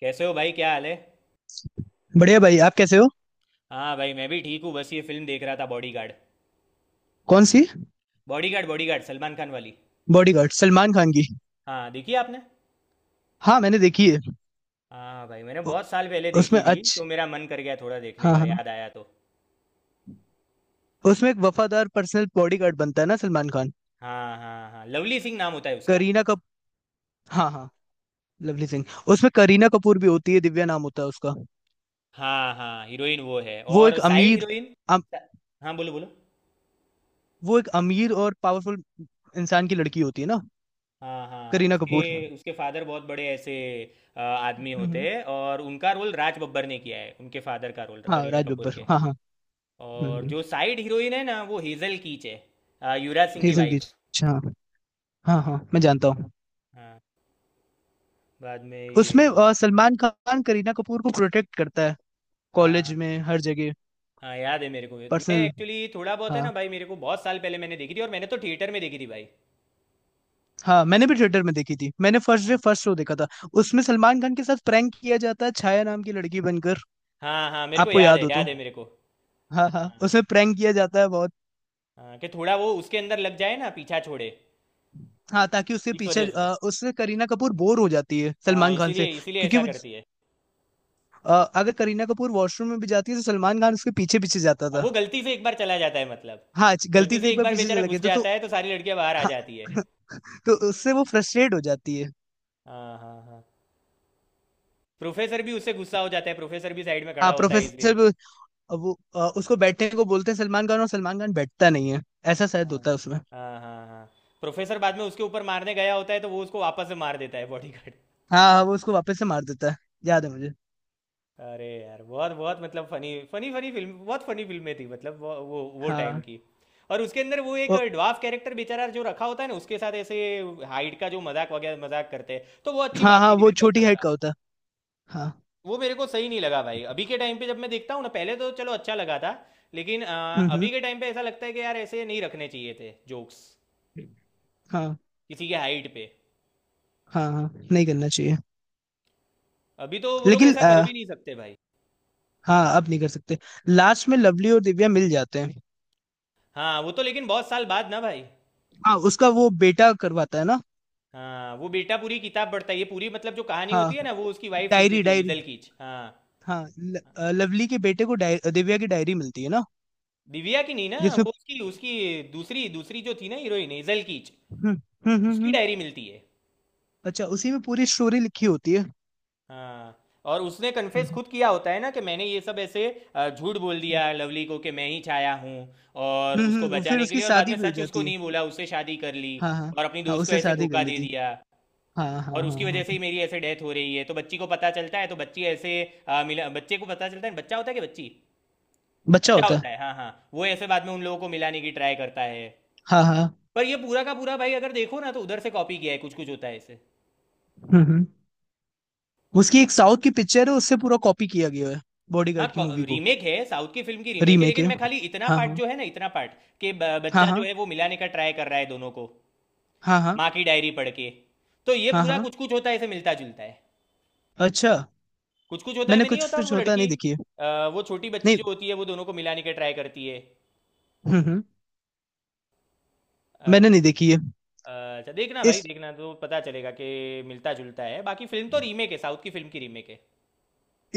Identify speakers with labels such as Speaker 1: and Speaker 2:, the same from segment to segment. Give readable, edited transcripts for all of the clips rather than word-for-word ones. Speaker 1: कैसे हो भाई, क्या हाल है।
Speaker 2: बढ़िया भाई, आप कैसे हो।
Speaker 1: हाँ भाई, मैं भी ठीक हूँ, बस ये फिल्म देख रहा था, बॉडीगार्ड।
Speaker 2: कौन सी।
Speaker 1: बॉडीगार्ड, बॉडीगार्ड सलमान खान वाली।
Speaker 2: बॉडीगार्ड सलमान खान की।
Speaker 1: हाँ, देखी आपने?
Speaker 2: हाँ, मैंने देखी है।
Speaker 1: हाँ भाई, मैंने
Speaker 2: उ-
Speaker 1: बहुत साल पहले
Speaker 2: उसमें
Speaker 1: देखी थी,
Speaker 2: अच्छ
Speaker 1: तो मेरा मन कर गया थोड़ा देखने
Speaker 2: हाँ
Speaker 1: का,
Speaker 2: हाँ।
Speaker 1: याद आया तो।
Speaker 2: उसमें एक वफादार पर्सनल बॉडीगार्ड बनता है ना सलमान खान।
Speaker 1: हाँ हाँ हाँ, लवली सिंह नाम होता है उसका।
Speaker 2: करीना कप हाँ हाँ। लवली सिंह। उसमें करीना कपूर भी होती है, दिव्या नाम होता है उसका।
Speaker 1: हाँ हाँ, हीरोइन वो है,
Speaker 2: वो
Speaker 1: और
Speaker 2: एक
Speaker 1: साइड
Speaker 2: अमीर।
Speaker 1: हीरोइन।
Speaker 2: अम,
Speaker 1: हाँ, बोलो बोलो।
Speaker 2: वो एक अमीर और पावरफुल इंसान की लड़की होती है ना।
Speaker 1: हाँ हाँ,
Speaker 2: करीना
Speaker 1: उसके,
Speaker 2: कपूर।
Speaker 1: फादर बहुत बड़े ऐसे आदमी होते
Speaker 2: हम्म।
Speaker 1: हैं, और उनका रोल राज बब्बर ने किया है, उनके फादर का रोल,
Speaker 2: हाँ
Speaker 1: करीना
Speaker 2: राज
Speaker 1: कपूर
Speaker 2: बब्बर,
Speaker 1: के।
Speaker 2: हाँ हाँ।
Speaker 1: और
Speaker 2: हम्म।
Speaker 1: जो साइड हीरोइन है ना, वो हेजल कीच है। युवराज सिंह की
Speaker 2: हेसल की।
Speaker 1: वाइफ।
Speaker 2: हाँ। हाँ हाँ, मैं जानता हूँ।
Speaker 1: हाँ, बाद में ये,
Speaker 2: उसमें सलमान खान करीना कपूर को प्रोटेक्ट करता है,
Speaker 1: हाँ
Speaker 2: कॉलेज
Speaker 1: हाँ
Speaker 2: में हर जगह।
Speaker 1: हाँ याद है मेरे को ये। मैं
Speaker 2: पर्सनल।
Speaker 1: एक्चुअली थोड़ा बहुत है ना
Speaker 2: हाँ।
Speaker 1: भाई, मेरे को बहुत साल पहले मैंने देखी थी, और मैंने तो थिएटर में देखी थी भाई।
Speaker 2: हाँ, मैंने भी थिएटर में देखी थी, मैंने फर्स्ट डे
Speaker 1: हाँ
Speaker 2: फर्स्ट शो देखा था। उसमें सलमान खान के साथ प्रैंक किया जाता है, छाया नाम की लड़की बनकर।
Speaker 1: हाँ हाँ, मेरे को
Speaker 2: आपको
Speaker 1: याद
Speaker 2: याद
Speaker 1: है,
Speaker 2: हो तो।
Speaker 1: याद है मेरे को।
Speaker 2: हाँ हाँ,
Speaker 1: हाँ
Speaker 2: उसमें प्रैंक किया जाता है बहुत।
Speaker 1: हाँ, कि थोड़ा वो उसके अंदर लग जाए ना, पीछा छोड़े
Speaker 2: हाँ, ताकि उसके
Speaker 1: इस
Speaker 2: पीछे
Speaker 1: वजह से।
Speaker 2: उससे करीना कपूर बोर हो जाती है
Speaker 1: हाँ,
Speaker 2: सलमान खान से,
Speaker 1: इसीलिए इसीलिए
Speaker 2: क्योंकि
Speaker 1: ऐसा
Speaker 2: वो
Speaker 1: करती है।
Speaker 2: अगर करीना कपूर वॉशरूम में भी जाती है तो सलमान खान उसके पीछे पीछे जाता
Speaker 1: अब वो
Speaker 2: था।
Speaker 1: गलती से एक बार चला जाता है मतलब,
Speaker 2: हाँ गलती
Speaker 1: गलती
Speaker 2: से
Speaker 1: से
Speaker 2: एक
Speaker 1: एक
Speaker 2: बार
Speaker 1: बार
Speaker 2: पीछे
Speaker 1: बेचारा
Speaker 2: चले गए
Speaker 1: घुस
Speaker 2: तो।
Speaker 1: जाता है तो सारी लड़कियां बाहर आ
Speaker 2: हाँ,
Speaker 1: जाती है।
Speaker 2: तो उससे वो फ्रस्ट्रेट हो जाती है।
Speaker 1: हाँ हाँ हाँ, प्रोफेसर भी उससे गुस्सा हो जाता है, प्रोफेसर भी साइड में खड़ा
Speaker 2: हाँ
Speaker 1: होता है
Speaker 2: प्रोफेसर
Speaker 1: इसलिए।
Speaker 2: वो उसको बैठने को बोलते हैं सलमान खान, और सलमान खान बैठता नहीं है। ऐसा शायद
Speaker 1: हाँ
Speaker 2: होता है उसमें।
Speaker 1: हाँ हाँ हाँ, प्रोफेसर बाद में उसके ऊपर मारने गया होता है, तो वो उसको वापस से मार देता है बॉडीगार्ड।
Speaker 2: हाँ हाँ, वो उसको वापस से मार देता है। याद है मुझे।
Speaker 1: अरे यार, बहुत बहुत मतलब फनी फनी फनी फिल्म, बहुत फनी फिल्में थी मतलब, वो टाइम
Speaker 2: हाँ।
Speaker 1: की। और उसके अंदर वो एक
Speaker 2: ओ,
Speaker 1: ड्वार्फ कैरेक्टर बेचारा जो रखा होता है ना उसके साथ ऐसे, हाइट का जो मजाक वगैरह मजाक करते हैं, तो वो अच्छी
Speaker 2: हाँ
Speaker 1: बात
Speaker 2: हाँ,
Speaker 1: नहीं थी,
Speaker 2: वो
Speaker 1: मेरे को ऐसा
Speaker 2: छोटी हाइट का
Speaker 1: लगा।
Speaker 2: होता है। हाँ।
Speaker 1: वो मेरे को सही नहीं लगा भाई, अभी के टाइम पे जब मैं देखता हूँ ना, पहले तो चलो अच्छा लगा था, लेकिन
Speaker 2: हम्म।
Speaker 1: अभी के टाइम पे ऐसा लगता है कि यार ऐसे नहीं रखने चाहिए थे जोक्स,
Speaker 2: हाँ
Speaker 1: किसी के हाइट पे।
Speaker 2: हाँ हाँ, नहीं करना चाहिए।
Speaker 1: अभी तो वो लोग
Speaker 2: लेकिन
Speaker 1: ऐसा
Speaker 2: आ,
Speaker 1: कर भी नहीं सकते भाई।
Speaker 2: हाँ, अब नहीं कर सकते। लास्ट में लवली और दिव्या मिल जाते हैं।
Speaker 1: हाँ वो तो, लेकिन बहुत साल बाद ना भाई।
Speaker 2: हाँ, उसका वो बेटा करवाता है ना।
Speaker 1: हाँ वो बेटा पूरी किताब पढ़ता है ये पूरी, मतलब जो कहानी
Speaker 2: हाँ।
Speaker 1: होती है ना वो उसकी वाइफ लिख
Speaker 2: डायरी
Speaker 1: देती है,
Speaker 2: डायरी।
Speaker 1: हेजल कीच, हाँ।
Speaker 2: हाँ, लवली के बेटे को दिव्या की डायरी मिलती है ना,
Speaker 1: दिव्या की नहीं ना,
Speaker 2: जिसमें।
Speaker 1: वो उसकी, दूसरी, जो थी ना हीरोइन, हेजल कीच,
Speaker 2: हम्म हम्म,
Speaker 1: उसकी
Speaker 2: हम्म।
Speaker 1: डायरी मिलती है।
Speaker 2: अच्छा, उसी में पूरी स्टोरी लिखी होती है।
Speaker 1: हाँ, और उसने कन्फेस
Speaker 2: हम्म
Speaker 1: खुद किया होता है ना, कि मैंने ये सब ऐसे झूठ बोल दिया लवली को कि मैं ही छाया हूँ, और उसको
Speaker 2: फिर
Speaker 1: बचाने के
Speaker 2: उसकी
Speaker 1: लिए, और बाद
Speaker 2: शादी
Speaker 1: में
Speaker 2: भी हो
Speaker 1: सच उसको
Speaker 2: जाती है।
Speaker 1: नहीं बोला, उससे शादी कर ली,
Speaker 2: हाँ हाँ
Speaker 1: और अपनी
Speaker 2: हाँ,
Speaker 1: दोस्त को
Speaker 2: उससे
Speaker 1: ऐसे
Speaker 2: शादी कर
Speaker 1: धोखा दे
Speaker 2: लेती है।
Speaker 1: दिया।
Speaker 2: हाँ हाँ
Speaker 1: और
Speaker 2: हाँ
Speaker 1: उसकी वजह
Speaker 2: हाँ।
Speaker 1: से ही मेरी ऐसे डेथ हो रही है, तो बच्ची को पता चलता है, तो बच्ची ऐसे मिला, बच्चे को पता चलता है, बच्चा होता है कि बच्ची,
Speaker 2: बच्चा
Speaker 1: बच्चा
Speaker 2: होता है।
Speaker 1: होता है, हाँ हाँ। वो ऐसे बाद में उन लोगों को मिलाने की ट्राई करता है।
Speaker 2: हाँ हाँ।
Speaker 1: पर ये पूरा का पूरा भाई अगर देखो ना तो उधर से कॉपी किया है, कुछ कुछ होता है ऐसे।
Speaker 2: हम्म हम्म। उसकी एक साउथ की पिक्चर है, उससे पूरा कॉपी किया गया है
Speaker 1: हाँ,
Speaker 2: बॉडीगार्ड की मूवी को।
Speaker 1: रीमेक है, साउथ की फिल्म की रीमेक है,
Speaker 2: रीमेक
Speaker 1: लेकिन
Speaker 2: है।
Speaker 1: मैं खाली इतना
Speaker 2: हाँ
Speaker 1: पार्ट
Speaker 2: हाँ
Speaker 1: जो है ना, इतना पार्ट कि
Speaker 2: हाँ,
Speaker 1: बच्चा जो
Speaker 2: हाँ
Speaker 1: है वो मिलाने का ट्राई कर रहा है दोनों को,
Speaker 2: हाँ हाँ
Speaker 1: माँ की डायरी पढ़ के, तो ये
Speaker 2: हाँ
Speaker 1: पूरा
Speaker 2: हाँ।
Speaker 1: कुछ कुछ होता है ऐसे मिलता जुलता है।
Speaker 2: अच्छा।
Speaker 1: कुछ कुछ होता है
Speaker 2: मैंने
Speaker 1: में नहीं
Speaker 2: कुछ
Speaker 1: होता
Speaker 2: कुछ
Speaker 1: वो
Speaker 2: होता
Speaker 1: लड़की,
Speaker 2: नहीं देखी है।
Speaker 1: वो छोटी बच्ची
Speaker 2: नहीं।
Speaker 1: जो होती है वो दोनों को मिलाने का ट्राई करती है।
Speaker 2: हम्म। मैंने
Speaker 1: अच्छा,
Speaker 2: नहीं देखी है।
Speaker 1: अच्छा देखना
Speaker 2: इस
Speaker 1: भाई, देखना तो पता चलेगा कि मिलता जुलता है, बाकी फिल्म तो रीमेक है, साउथ की फिल्म की रीमेक है।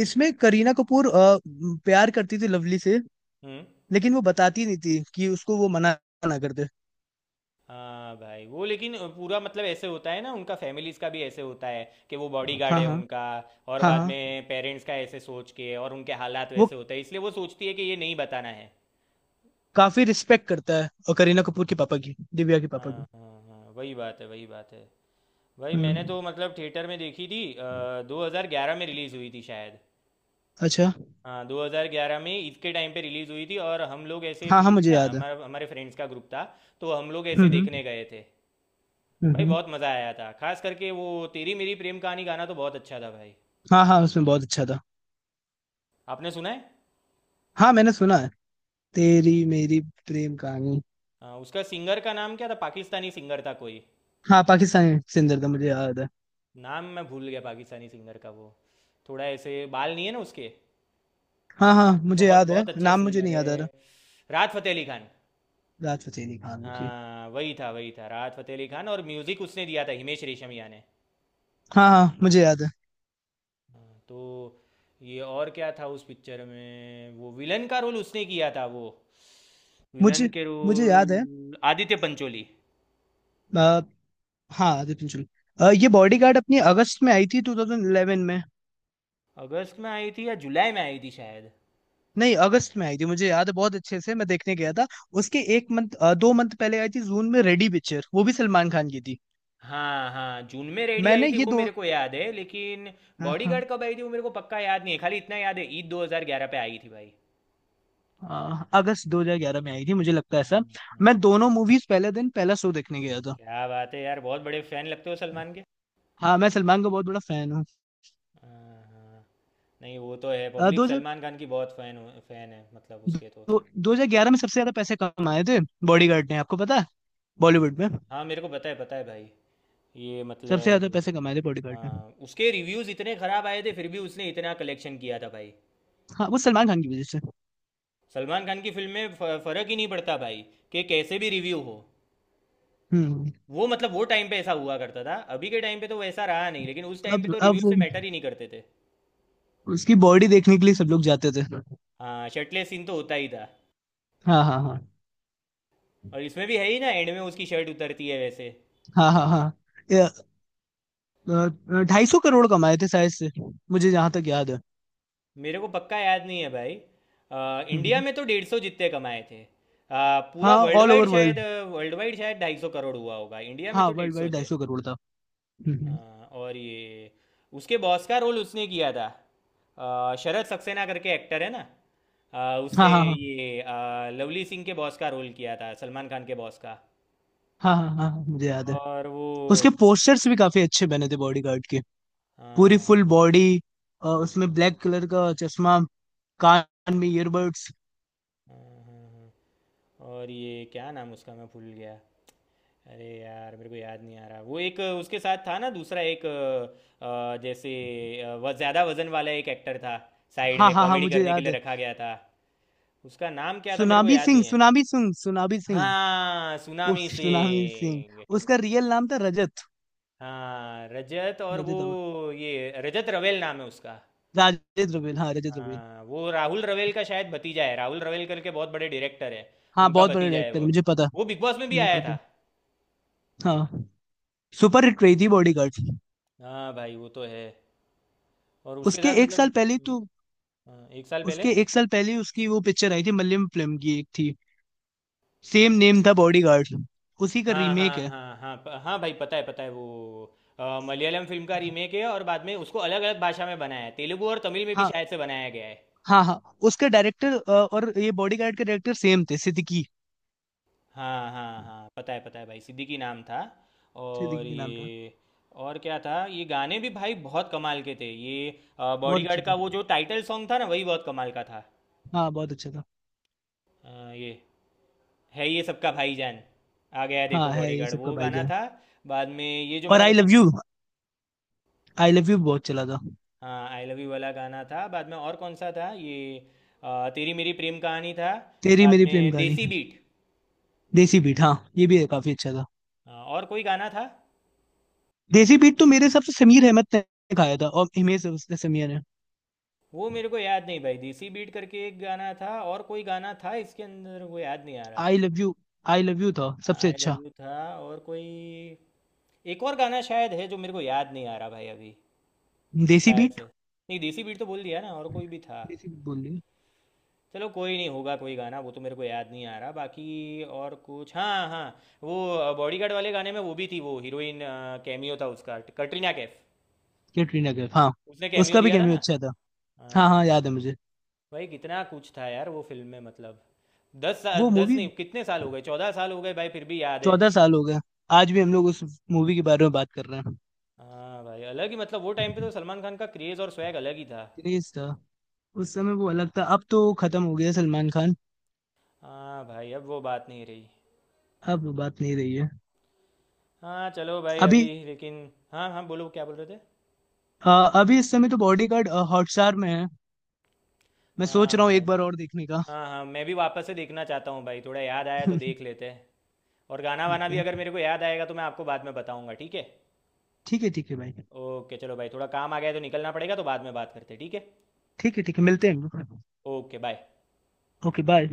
Speaker 2: इसमें करीना कपूर प्यार करती थी लवली से,
Speaker 1: हम्म।
Speaker 2: लेकिन वो बताती नहीं थी कि उसको वो मना ना कर दे।
Speaker 1: हाँ भाई वो, लेकिन पूरा मतलब ऐसे होता है ना, उनका फैमिलीज का भी ऐसे होता है कि वो बॉडीगार्ड
Speaker 2: हाँ हाँ
Speaker 1: है उनका, और
Speaker 2: हाँ
Speaker 1: बाद
Speaker 2: हाँ।
Speaker 1: में पेरेंट्स का ऐसे सोच के और उनके हालात
Speaker 2: वो
Speaker 1: वैसे होते हैं, इसलिए वो सोचती है कि ये नहीं बताना है।
Speaker 2: काफी रिस्पेक्ट करता है, और करीना कपूर के पापा की, दिव्या के
Speaker 1: हाँ
Speaker 2: पापा की।
Speaker 1: हाँ हाँ, वही बात है वही बात है। भाई मैंने
Speaker 2: हम्म।
Speaker 1: तो मतलब थिएटर में देखी थी, 2011 में रिलीज़ हुई थी शायद।
Speaker 2: अच्छा।
Speaker 1: हाँ 2011 में ईद के टाइम पे रिलीज हुई थी, और हम लोग ऐसे
Speaker 2: हाँ हाँ,
Speaker 1: फ्री थे
Speaker 2: मुझे
Speaker 1: ना,
Speaker 2: याद है।
Speaker 1: हमारा, हमारे फ्रेंड्स का ग्रुप था, तो हम लोग ऐसे
Speaker 2: हम्म हम्म
Speaker 1: देखने गए थे। भाई
Speaker 2: हम्म।
Speaker 1: बहुत मज़ा आया था, खास करके वो तेरी मेरी प्रेम कहानी गाना तो बहुत अच्छा था भाई।
Speaker 2: हाँ हाँ, उसमें बहुत अच्छा था।
Speaker 1: आपने सुना है?
Speaker 2: हाँ मैंने सुना है। तेरी मेरी प्रेम कहानी।
Speaker 1: हाँ, उसका सिंगर का नाम क्या था, पाकिस्तानी सिंगर था कोई,
Speaker 2: हाँ पाकिस्तानी सिंदर था, मुझे याद है।
Speaker 1: नाम मैं भूल गया पाकिस्तानी सिंगर का, वो थोड़ा ऐसे बाल नहीं है ना उसके,
Speaker 2: हाँ हाँ मुझे
Speaker 1: बहुत
Speaker 2: याद है,
Speaker 1: बहुत अच्छा
Speaker 2: नाम मुझे
Speaker 1: सिंगर
Speaker 2: नहीं याद आ रहा।
Speaker 1: है, राहत फ़तेह अली खान।
Speaker 2: राहत फतेह अली खान, ओके।
Speaker 1: हाँ वही था वही था, राहत फ़तेह अली खान, और म्यूज़िक उसने दिया था हिमेश रेशमिया ने।
Speaker 2: हाँ हाँ मुझे याद है।
Speaker 1: हाँ, तो ये और क्या था उस पिक्चर में, वो विलन का रोल उसने किया था वो, विलन
Speaker 2: मुझे
Speaker 1: के
Speaker 2: मुझे याद है।
Speaker 1: रोल आदित्य पंचोली।
Speaker 2: आ, हाँ आदित्य चंचोल। ये बॉडीगार्ड अपनी अगस्त में आई थी 2011 में।
Speaker 1: अगस्त में आई थी या जुलाई में आई थी शायद।
Speaker 2: नहीं, अगस्त में आई थी, मुझे याद है बहुत अच्छे से, मैं देखने गया था। उसके एक मंथ 2 मंथ पहले आई थी जून में, रेडी पिक्चर, वो भी सलमान खान की थी।
Speaker 1: हाँ हाँ, जून में रेडी आई
Speaker 2: मैंने
Speaker 1: थी
Speaker 2: ये
Speaker 1: वो
Speaker 2: दो।
Speaker 1: मेरे को याद है, लेकिन
Speaker 2: हाँ हाँ।
Speaker 1: बॉडीगार्ड कब आई थी वो मेरे को पक्का याद नहीं है, खाली इतना याद है, ईद 2011 पे आई थी भाई।
Speaker 2: अगस्त 2011 में आई थी मुझे लगता है ऐसा।
Speaker 1: हाँ, हाँ।
Speaker 2: मैं दोनों मूवीज पहले दिन पहला शो देखने गया था।
Speaker 1: क्या बात है यार, बहुत बड़े फैन लगते हो सलमान के।
Speaker 2: हाँ मैं सलमान का बहुत बड़ा फैन हूँ।
Speaker 1: हाँ, हाँ। नहीं वो तो है, पब्लिक
Speaker 2: अ, 2000
Speaker 1: सलमान खान की बहुत फैन, फैन है मतलब उसके तो।
Speaker 2: दो 2011 में सबसे ज्यादा पैसे कमाए थे बॉडीगार्ड ने, आपको पता है, बॉलीवुड में।
Speaker 1: हाँ मेरे को पता है, पता है भाई, ये
Speaker 2: सबसे
Speaker 1: मतलब,
Speaker 2: ज्यादा पैसे कमाए थे बॉडीगार्ड ने।
Speaker 1: हाँ, उसके रिव्यूज़ इतने ख़राब आए थे फिर भी उसने इतना कलेक्शन किया था भाई।
Speaker 2: हाँ, वो सलमान खान की वजह से।
Speaker 1: सलमान खान की फिल्म में फ़र्क ही नहीं पड़ता भाई, कि कैसे भी रिव्यू हो,
Speaker 2: हम्म।
Speaker 1: वो मतलब वो टाइम पे ऐसा हुआ करता था, अभी के टाइम पे तो वैसा रहा नहीं, लेकिन उस टाइम पे
Speaker 2: अब
Speaker 1: तो
Speaker 2: अब
Speaker 1: रिव्यू से
Speaker 2: वो-
Speaker 1: मैटर ही नहीं करते थे।
Speaker 2: उसकी बॉडी देखने के लिए सब लोग जाते थे।
Speaker 1: हाँ शर्टलेस सीन तो होता ही था,
Speaker 2: हाँ हाँ हाँ,
Speaker 1: और इसमें भी है ही ना, एंड में उसकी शर्ट उतरती है वैसे।
Speaker 2: हाँ हाँ हाँ। ये, 250 करोड़ कमाए थे शायद से, मुझे जहां तक याद है।
Speaker 1: मेरे को पक्का याद नहीं है भाई, इंडिया
Speaker 2: हम्म,
Speaker 1: में तो 150 जितने कमाए थे, पूरा
Speaker 2: हाँ,
Speaker 1: वर्ल्ड
Speaker 2: ऑल
Speaker 1: वाइड
Speaker 2: ओवर
Speaker 1: शायद,
Speaker 2: वर्ल्ड।
Speaker 1: वर्ल्ड वाइड शायद 250 करोड़ हुआ होगा, इंडिया में
Speaker 2: हाँ
Speaker 1: तो डेढ़
Speaker 2: वर्ल्ड
Speaker 1: सौ
Speaker 2: वाइड ढाई
Speaker 1: थे
Speaker 2: सौ करोड़ था।
Speaker 1: अ,
Speaker 2: हम्म,
Speaker 1: और ये उसके बॉस का रोल उसने किया था, शरद सक्सेना करके एक्टर है ना,
Speaker 2: हाँ
Speaker 1: उसने
Speaker 2: हाँ हाँ
Speaker 1: ये लवली सिंह के बॉस का रोल किया था, सलमान खान के बॉस का।
Speaker 2: हाँ, हाँ हाँ हाँ, मुझे याद है।
Speaker 1: और वो,
Speaker 2: उसके पोस्टर्स भी काफी अच्छे बने थे बॉडी गार्ड के।
Speaker 1: हाँ
Speaker 2: पूरी
Speaker 1: हाँ
Speaker 2: फुल बॉडी, उसमें ब्लैक कलर का चश्मा, कान में ईयरबड्स।
Speaker 1: हाँ हाँ हाँ। और ये क्या नाम उसका मैं भूल गया, अरे यार मेरे को याद नहीं आ रहा, वो एक उसके साथ था ना, दूसरा एक जैसे, वह ज़्यादा वजन वाला एक एक्टर था, साइड
Speaker 2: हाँ
Speaker 1: में
Speaker 2: हाँ हाँ,
Speaker 1: कॉमेडी
Speaker 2: मुझे
Speaker 1: करने के
Speaker 2: याद
Speaker 1: लिए
Speaker 2: है।
Speaker 1: रखा गया था, उसका नाम क्या था मेरे को
Speaker 2: सुनामी
Speaker 1: याद
Speaker 2: सिंह,
Speaker 1: नहीं है।
Speaker 2: Tsunami Singh, Tsunami Singh.
Speaker 1: हाँ,
Speaker 2: उस
Speaker 1: सुनामी
Speaker 2: सुनामी सिंह,
Speaker 1: सिंह।
Speaker 2: उसका रियल नाम था रजत।
Speaker 1: हाँ रजत, और वो
Speaker 2: रजत अब-
Speaker 1: ये, रजत रवेल नाम है उसका।
Speaker 2: राजेश रवेल, हाँ रजत रवेल।
Speaker 1: हाँ वो राहुल रवेल का शायद भतीजा है, राहुल रवेल करके बहुत बड़े डायरेक्टर है,
Speaker 2: हाँ,
Speaker 1: उनका
Speaker 2: बहुत बड़ा
Speaker 1: भतीजा है
Speaker 2: डायरेक्टर,
Speaker 1: वो
Speaker 2: मुझे पता।
Speaker 1: वो बिग बॉस में भी
Speaker 2: मुझे
Speaker 1: आया था।
Speaker 2: पता। हाँ। सुपर हिट रही थी बॉडी गार्ड।
Speaker 1: हाँ भाई वो तो है। और उसके
Speaker 2: उसके
Speaker 1: साथ
Speaker 2: एक साल
Speaker 1: मतलब,
Speaker 2: पहले
Speaker 1: हम्म,
Speaker 2: तो।
Speaker 1: हाँ, एक साल पहले।
Speaker 2: उसके एक साल पहले उसकी वो पिक्चर आई थी, मलयालम फिल्म की एक थी। सेम नेम था बॉडीगार्ड। उसी का
Speaker 1: हाँ
Speaker 2: रीमेक
Speaker 1: हाँ
Speaker 2: है।
Speaker 1: हाँ हाँ हाँ भाई पता है वो, मलयालम फिल्म का रीमेक है, और बाद में उसको अलग अलग भाषा में बनाया है, तेलुगु और तमिल में भी
Speaker 2: हाँ
Speaker 1: शायद से बनाया गया है।
Speaker 2: हाँ हाँ। उसके डायरेक्टर और ये बॉडीगार्ड के डायरेक्टर सेम थे, सिद्दीकी।
Speaker 1: हाँ हाँ हाँ पता है भाई, सिद्दीकी नाम था। और
Speaker 2: सिद्दीकी के नाम था।
Speaker 1: ये और क्या था, ये गाने भी भाई बहुत कमाल के थे ये,
Speaker 2: बहुत अच्छे
Speaker 1: बॉडीगार्ड का
Speaker 2: थे।
Speaker 1: वो जो टाइटल सॉन्ग था ना वही बहुत कमाल का था।
Speaker 2: हाँ बहुत अच्छा था।
Speaker 1: ये, है ये सबका भाईजान, आ गया देखो
Speaker 2: हाँ है ये
Speaker 1: बॉडीगार्ड,
Speaker 2: सबका
Speaker 1: वो गाना
Speaker 2: भाईजान।
Speaker 1: था। बाद में ये जो
Speaker 2: और
Speaker 1: मैंने
Speaker 2: आई
Speaker 1: बताया
Speaker 2: लव यू।
Speaker 1: ना,
Speaker 2: आई लव यू बहुत चला था।
Speaker 1: हाँ, आई लव यू वाला गाना था बाद में, और कौन सा था ये, तेरी मेरी प्रेम कहानी था,
Speaker 2: तेरी
Speaker 1: बाद
Speaker 2: मेरी प्रेम
Speaker 1: में
Speaker 2: कहानी।
Speaker 1: देसी बीट,
Speaker 2: देसी बीट। हाँ, ये भी काफी अच्छा था।
Speaker 1: और कोई गाना था,
Speaker 2: देसी बीट तो मेरे हिसाब से समीर अहमद ने गाया था, और हिमेश, उसने समीर ने।
Speaker 1: वो मेरे को याद नहीं भाई, देसी बीट करके एक गाना था और कोई गाना था इसके अंदर वो याद नहीं आ रहा,
Speaker 2: I love you. I love you था सबसे
Speaker 1: आई लव
Speaker 2: अच्छा।
Speaker 1: यू था, और कोई एक और गाना शायद है जो मेरे को याद नहीं आ रहा भाई अभी।
Speaker 2: देसी
Speaker 1: शायद
Speaker 2: बीट।
Speaker 1: से नहीं, देसी बीट तो बोल दिया ना, और कोई भी था।
Speaker 2: देसी बीट बोल रही है।
Speaker 1: चलो कोई नहीं होगा कोई गाना, वो तो मेरे को याद नहीं आ रहा, बाकी और कुछ, हाँ हाँ, वो बॉडीगार्ड वाले गाने में वो भी थी, वो हीरोइन, कैमियो था उसका, कटरीना कैफ,
Speaker 2: कैटरीना कैफ, हाँ।
Speaker 1: उसने कैमियो
Speaker 2: उसका भी
Speaker 1: दिया था ना,
Speaker 2: कैमियो अच्छा था।
Speaker 1: हाँ।
Speaker 2: हाँ
Speaker 1: हाँ,
Speaker 2: हाँ, याद है
Speaker 1: हाँ।
Speaker 2: मुझे।
Speaker 1: भाई कितना कुछ था यार वो फिल्म में मतलब, दस साल
Speaker 2: वो
Speaker 1: दस
Speaker 2: मूवी।
Speaker 1: नहीं, कितने साल हो गए, 14 साल हो गए भाई फिर भी याद है।
Speaker 2: 14 साल हो गए। आज भी हम लोग उस मूवी के बारे में बात कर रहे हैं।
Speaker 1: हाँ भाई अलग ही मतलब, वो टाइम पे तो सलमान खान का क्रेज़ और स्वैग अलग ही था।
Speaker 2: क्रेज था। उस समय वो अलग था, अब तो खत्म हो गया सलमान खान।
Speaker 1: हाँ भाई अब वो बात नहीं रही।
Speaker 2: अब वो बात नहीं रही है।
Speaker 1: हाँ चलो भाई अभी
Speaker 2: अभी।
Speaker 1: लेकिन, हाँ हाँ बोलो क्या बोल रहे थे।
Speaker 2: अ, अभी इस समय तो बॉडीगार्ड हॉटस्टार में है, मैं सोच
Speaker 1: हाँ
Speaker 2: रहा हूँ
Speaker 1: भाई।
Speaker 2: एक बार और देखने का।
Speaker 1: हाँ हाँ मैं भी वापस से देखना चाहता हूँ भाई, थोड़ा याद आया तो देख लेते हैं। और गाना वाना
Speaker 2: ठीक
Speaker 1: भी
Speaker 2: है।
Speaker 1: अगर मेरे को याद आएगा तो मैं आपको बाद में बताऊंगा, ठीक है।
Speaker 2: ठीक है ठीक है भाई।
Speaker 1: ओके चलो भाई, थोड़ा काम आ गया है तो निकलना पड़ेगा, तो बाद में बात करते हैं ठीक है।
Speaker 2: ठीक है ठीक है, मिलते हैं।
Speaker 1: Okay bye.
Speaker 2: Okay bye.